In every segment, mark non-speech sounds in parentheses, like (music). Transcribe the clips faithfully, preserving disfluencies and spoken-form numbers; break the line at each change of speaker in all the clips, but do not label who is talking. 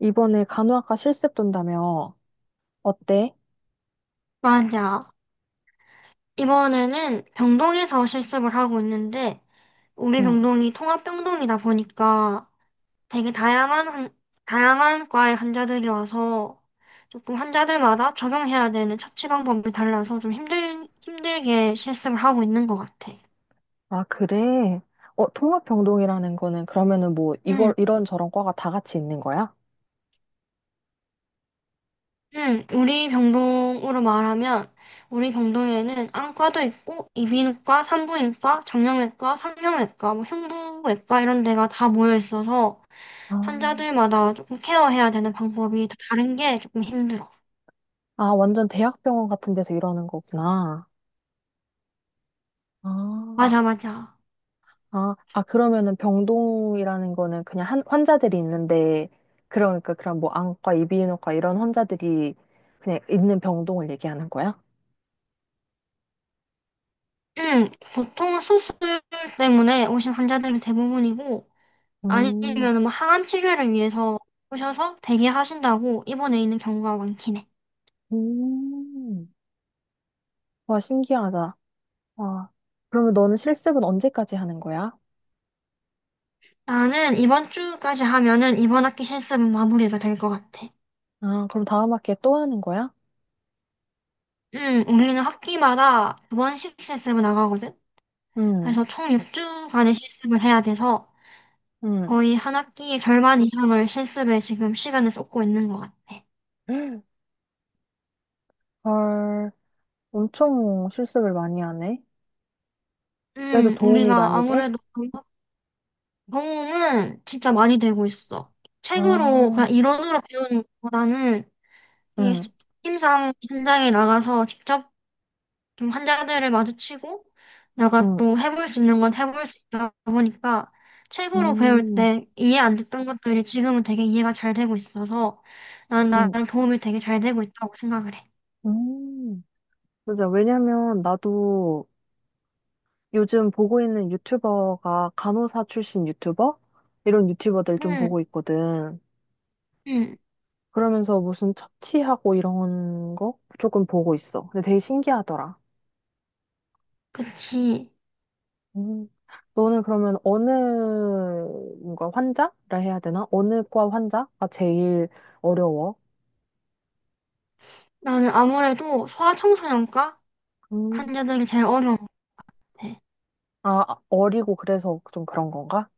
이번에 간호학과 실습 돈다며. 어때?
맞아. 이번에는 병동에서 실습을 하고 있는데, 우리
응.
병동이 통합병동이다 보니까 되게 다양한, 환- 다양한 과의 환자들이 와서 조금 환자들마다 적용해야 되는 처치 방법이 달라서 좀 힘들, 힘들게 실습을 하고 있는 것 같아.
아, 그래? 어, 통합병동이라는 거는 그러면은 뭐
응.
이걸 이런 저런 과가 다 같이 있는 거야?
응, 우리 병동으로 말하면 우리 병동에는 안과도 있고 이비인후과, 산부인과, 정형외과, 성형외과, 뭐 흉부외과 이런 데가 다 모여 있어서
아,
환자들마다 조금 케어해야 되는 방법이 다 다른 게 조금 힘들어.
아, 완전 대학병원 같은 데서 이러는 거구나. 아,
맞아, 맞아.
아, 아, 그러면은 병동이라는 거는 그냥 한, 환자들이 있는데, 그러니까 그런 뭐 안과, 이비인후과 이런 환자들이 그냥 있는 병동을 얘기하는 거야?
응, 보통은 수술 때문에 오신 환자들이 대부분이고,
음,
아니면 뭐 항암 치료를 위해서 오셔서 대기하신다고 입원해 있는 경우가 많긴 해.
음. 와, 신기하다. 와, 그러면 너는 실습은 언제까지 하는 거야?
나는 이번 주까지 하면은 이번 학기 실습은 마무리가 될 것 같아.
아, 그럼 다음 학기에 또 하는 거야?
음, 우리는 학기마다 두 번씩 실습을 나가거든.
응,
그래서 총 육 주간의 실습을 해야 돼서
응.
거의 한 학기의 절반 이상을 실습에 지금 시간을 쏟고 있는 것 같아.
(gasps) 헐, 엄청 실습을 많이 하네. 그래도
음,
도움이
우리가
많이 돼?
아무래도 경험은 진짜 많이 되고 있어. 책으로
아,
그냥 이론으로 배우는 것보다는 이게
응,
시- 팀상 현장에 나가서 직접 좀 환자들을 마주치고 내가
응,
또 해볼 수 있는 건 해볼 수 있다 보니까 책으로 배울
음,
때 이해 안 됐던 것들이 지금은 되게 이해가 잘 되고 있어서 난
응,
나를 도움이 되게 잘 되고 있다고 생각을 해.
음. 맞아. 왜냐면 나도 요즘 보고 있는 유튜버가 간호사 출신 유튜버? 이런 유튜버들 좀
응,
보고 있거든.
응,
그러면서 무슨 처치하고 이런 거 조금 보고 있어. 근데 되게 신기하더라.
그치.
음, 너는 그러면 어느 뭔가 환자라 해야 되나? 어느 과 환자가 제일 어려워?
나는 아무래도 소아청소년과
음,
환자들이 제일 어려운 것 같아.
아, 어리고 그래서 좀 그런 건가?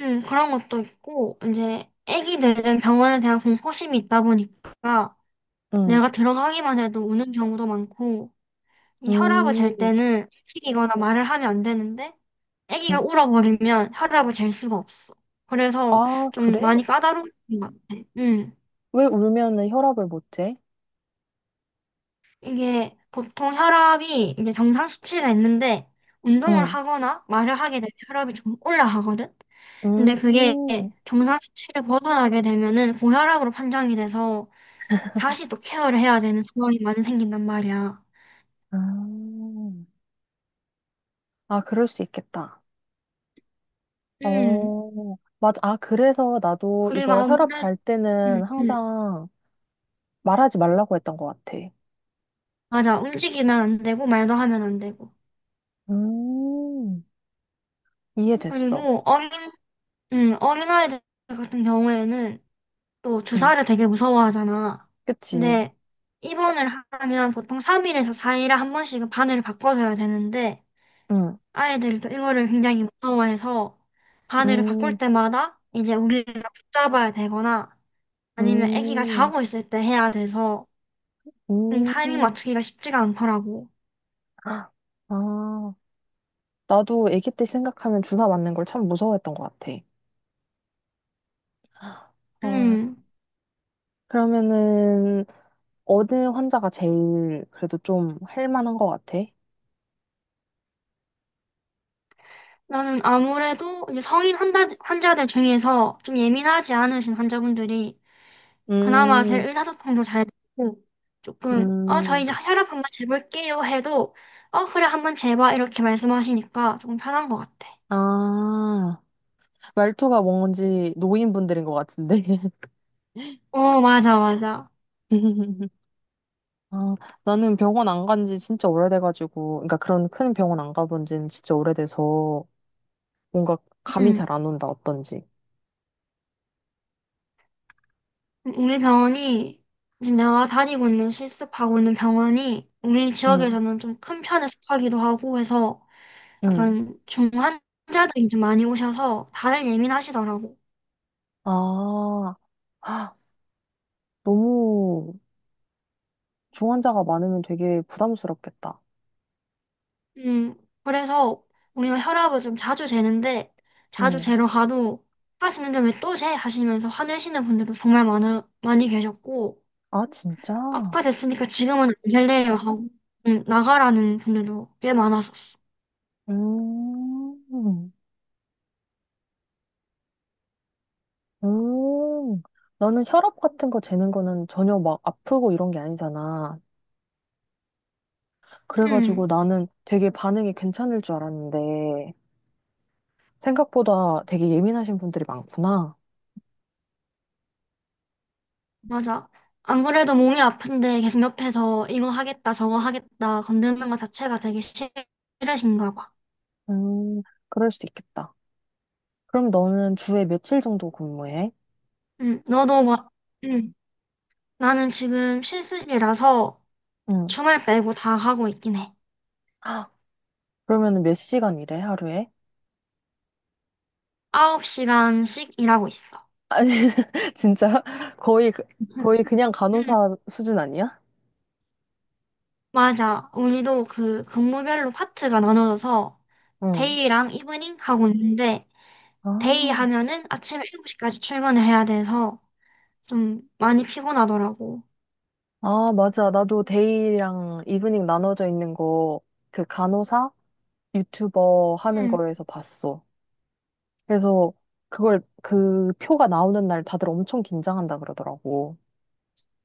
응, 그런 것도 있고, 이제 아기들은 병원에 대한 공포심이 있다 보니까
응.
내가 들어가기만 해도 우는 경우도 많고, 이 혈압을 잴
음,
때는 움직이거나 말을 하면 안 되는데 아기가
음.
울어버리면 혈압을 잴 수가 없어. 그래서
아,
좀
그래?
많이 까다로운 것 같아. 음,
왜 울면은 혈압을 못 재?
이게 보통 혈압이 이제 정상 수치가 있는데 운동을
응.
하거나 말을 하게 되면 혈압이 좀 올라가거든. 근데 그게
음,
정상 수치를 벗어나게 되면은 고혈압으로 판정이 돼서 다시 또 케어를 해야 되는 상황이 많이 생긴단 말이야.
음. 아, 그럴 수 있겠다.
음,
어, 맞아. 아, 그래서 나도
그리고
이거 혈압
아무래도
잘
음,
때는
음.
항상 말하지 말라고 했던 것 같아.
맞아. 움직이면 안 되고, 말도 하면 안 되고.
음, 이해됐어.
그리고 어린, 음, 어린아이들 같은 경우에는 또
응,
주사를 되게 무서워하잖아.
그치.
근데 입원을 하면 보통 삼 일에서 사 일에 한 번씩은 바늘을 바꿔줘야 되는데
응,
아이들이 또 이거를 굉장히 무서워해서 바늘을 바꿀
음,
때마다 이제 우리가 붙잡아야 되거나 아니면 아기가
음,
자고 있을 때 해야 돼서 음, 타이밍
음.
맞추기가 쉽지가 않더라고.
아, 나도 아기 때 생각하면 주사 맞는 걸 참 무서워했던 것 같아. 어,
음.
그러면은, 어느 환자가 제일 그래도 좀 할 만한 것 같아?
나는 아무래도 이제 성인 환자, 환자들 중에서 좀 예민하지 않으신 환자분들이 그나마 제
음,
의사소통도 잘 되고, 조금 어 저
음,
이제 혈압 한번 재볼게요 해도 어 그래 한번 재봐 이렇게 말씀하시니까 조금 편한 것 같아.
아, 말투가 뭔지 노인분들인 것 같은데.
어 맞아 맞아.
(laughs) 아, 나는 병원 안 간지 진짜 오래돼가지고, 그러니까 그런 큰 병원 안 가본 지는 진짜 오래돼서, 뭔가 감이
음,
잘 안 온다, 어떤지.
우리 병원이 지금 내가 다니고 있는 실습하고 있는 병원이 우리
응,
지역에서는 좀 큰 편에 속하기도 하고 해서
응.
약간 중환자들이 좀 많이 오셔서 다들 예민하시더라고.
아, 헉, 너무 중환자가 많으면 되게 부담스럽겠다.
음, 그래서 우리가 혈압을 좀 자주 재는데, 자주
응.
재러 가도, 아까 는데 왜 또 재? 하시면서 화내시는 분들도 정말 많아, 많이 계셨고,
아, 진짜?
아까 됐으니까 지금은 안 될래요 하고, 음, 나가라는 분들도 꽤 많았었어.
음, 음. 나는 혈압 같은 거 재는 거는 전혀 막 아프고 이런 게 아니잖아. 그래가지고
음,
나는 되게 반응이 괜찮을 줄 알았는데, 생각보다 되게 예민하신 분들이 많구나.
맞아. 안 그래도 몸이 아픈데 계속 옆에서 이거 하겠다, 저거 하겠다, 건드는 것 자체가 되게 싫으신가 봐.
음, 그럴 수도 있겠다. 그럼 너는 주에 며칠 정도 근무해?
음, 너도 막, 음, 나는 지금 실습이라서
응.
주말 빼고 다 하고 있긴 해.
그러면 몇 시간 일해, 하루에?
아홉 시간씩 일하고 있어.
아니, (laughs) 진짜 거의, 그- 거의 그냥
음.
간호사 수준 아니야?
맞아. 우리도 그 근무별로 파트가 나눠져서
응.
데이랑 이브닝 하고 있는데
아,
데이 하면은 아침 일곱 시까지 출근을 해야 돼서 좀 많이 피곤하더라고.
아, 맞아. 나도 데이랑 이브닝 나눠져 있는 거, 그 간호사 유튜버 하는
응,
거에서 봤어. 그래서 그걸, 그 표가 나오는 날 다들 엄청 긴장한다 그러더라고.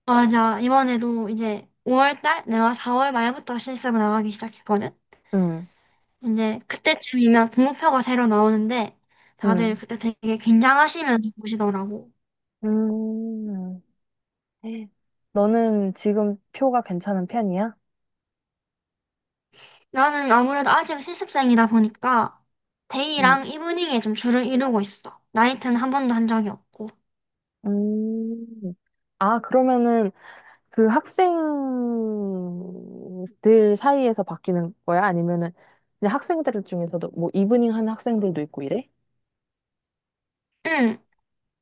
맞아. 이번에도 이제 오월 달 내가 사월 말부터 실습을 나가기 시작했거든.
응,
이제 그때쯤이면 등급표가 새로 나오는데 다들
응.
그때 되게 긴장하시면서 보시더라고.
음, 너는 지금 표가 괜찮은 편이야?
나는 아무래도 아직 실습생이다 보니까 데이랑
응.
이브닝에 좀 주를 이루고 있어. 나이트는 한 번도 한 적이 없고.
음. 아, 그러면은 그 학생들 사이에서 바뀌는 거야? 아니면은 그냥 학생들 중에서도 뭐 이브닝 하는 학생들도 있고 이래?
응,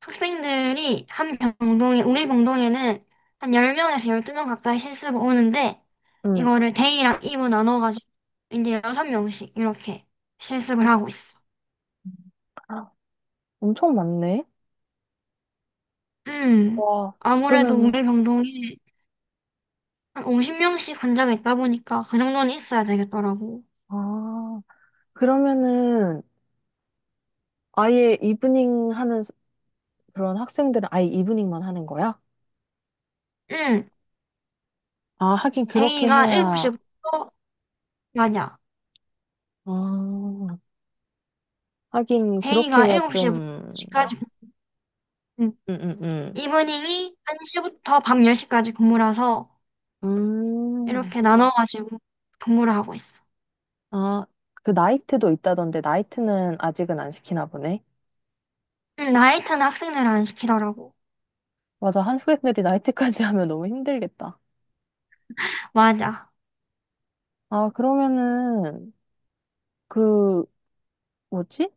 학생들이 한 병동에, 우리 병동에는 한 열 명에서 열두 명 가까이 실습 오는데
응.
이거를 데이랑 이브 나눠가지고 이제 여섯 명씩 이렇게 실습을 하고 있어.
아, 엄청 많네.
음,
와,
아무래도 우리
그러면은,
병동에 한 오십 명씩 환자가 있다 보니까 그 정도는 있어야 되겠더라고.
아, 그러면은 아예 이브닝 하는 스- 그런 학생들은 아예 이브닝만 하는 거야?
응,
아, 하긴 그렇게
데이가
해야,
7시부터 맞아.
아, 하긴 그렇게
데이가
해야
일곱 시부터
좀,
열 시까지,
응, 응, 응.
이브닝이 한 시부터 밤 열 시까지 근무라서
음,
이렇게 나눠가지고 근무를 하고 있어.
아, 그 나이트도 있다던데 나이트는 아직은 안 시키나 보네.
음, 나이트는 학생들 안 시키더라고.
맞아, 한국인들이 나이트까지 (laughs) 하면 너무 힘들겠다.
맞아.
아, 그러면은 그 뭐지?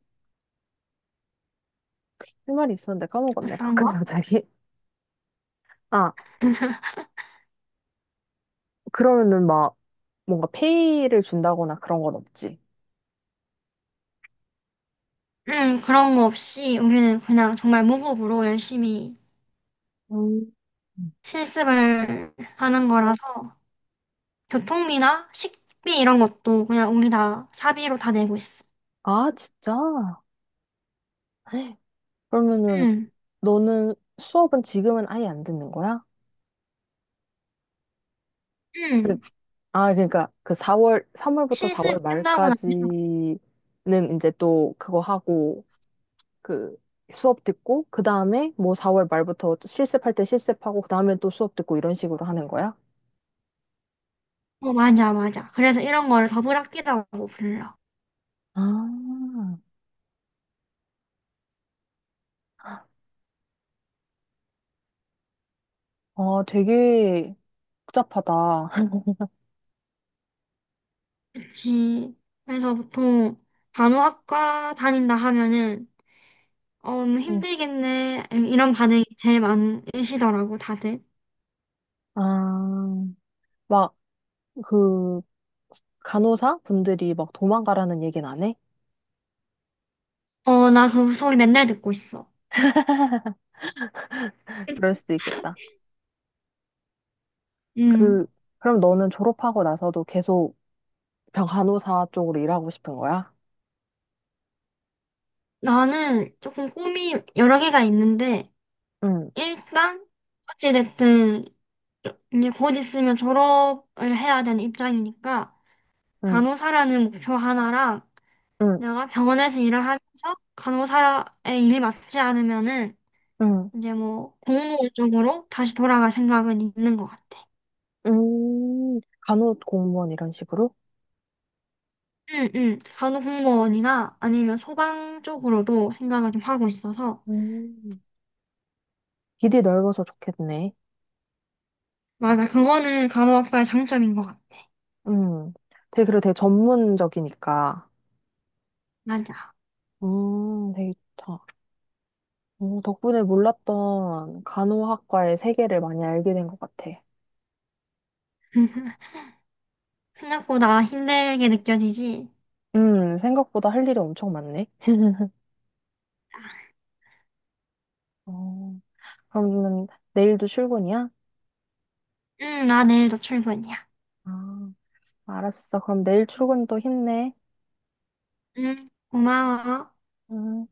할 말이 있었는데 까먹었네.
어떤
가끔
거?
갑자기. 아,
(laughs)
그러면은 막 뭔가 페이를 준다거나 그런 건 없지.
음, 그런 거 없이 우리는 그냥 정말 무급으로 열심히
음.
실습을 하는 거라서 교통비나 식비 이런 것도 그냥 우리 다 사비로 다 내고 있어.
아, 진짜? 헉, 그러면은
음,
너는 수업은 지금은 아예 안 듣는 거야? 그-
음.
아, 그러니까 그 사월 삼 월부터
실습이
사 월
끝나고 나면,
말까지는 이제 또 그거 하고 그 수업 듣고 그 다음에 뭐 사 월 말부터 실습할 때 실습하고 그 다음에 또 수업 듣고 이런 식으로 하는 거야?
어, 맞아, 맞아. 그래서 이런 거를 더블학기라고 불러.
아, 어, 되게 복잡하다. (laughs)
그치. 그래서 보통 간호학과 다닌다 하면은 어, 뭐
응.
힘들겠네 이런 반응이 제일 많으시더라고 다들.
아, 막 그 간호사 분들이 막 도망가라는 얘기는 안 해?
어, 나 그 소리 맨날 듣고 있어.
그럴 수도 있겠다.
음.
그 그럼 너는 졸업하고 나서도 계속 병 간호사 쪽으로 일하고 싶은 거야?
나는 조금 꿈이 여러 개가 있는데
응,
일단 어찌됐든 이제 곧 있으면 졸업을 해야 되는 입장이니까
응,
간호사라는 목표 하나랑
응,
내가 병원에서 일을 하면서 간호사의 일이 맞지 않으면은
응.
이제 뭐 공무원 쪽으로 다시 돌아갈 생각은 있는 것 같아.
음, 간호 공무원 이런 식으로?
응, 응. 간호공무원이나 아니면 소방 쪽으로도 생각을 좀 하고 있어서.
음. 길이 넓어서 좋겠네.
맞아. 그거는 간호학과의 장점인 것 같아.
음. 되게, 그리고 되게 전문적이니까.
맞아.
음, 되게 좋다. 오, 덕분에 몰랐던 간호학과의 세계를 많이 알게 된 것 같아.
생각보다 힘들게 느껴지지.
음, 생각보다 할 일이 엄청 많네. 어, 그러면 내일도 출근이야?
응, 나 내일도 출근이야.
아, 알았어. 그럼 내일 출근 또 힘내.
응, 고마워.
음.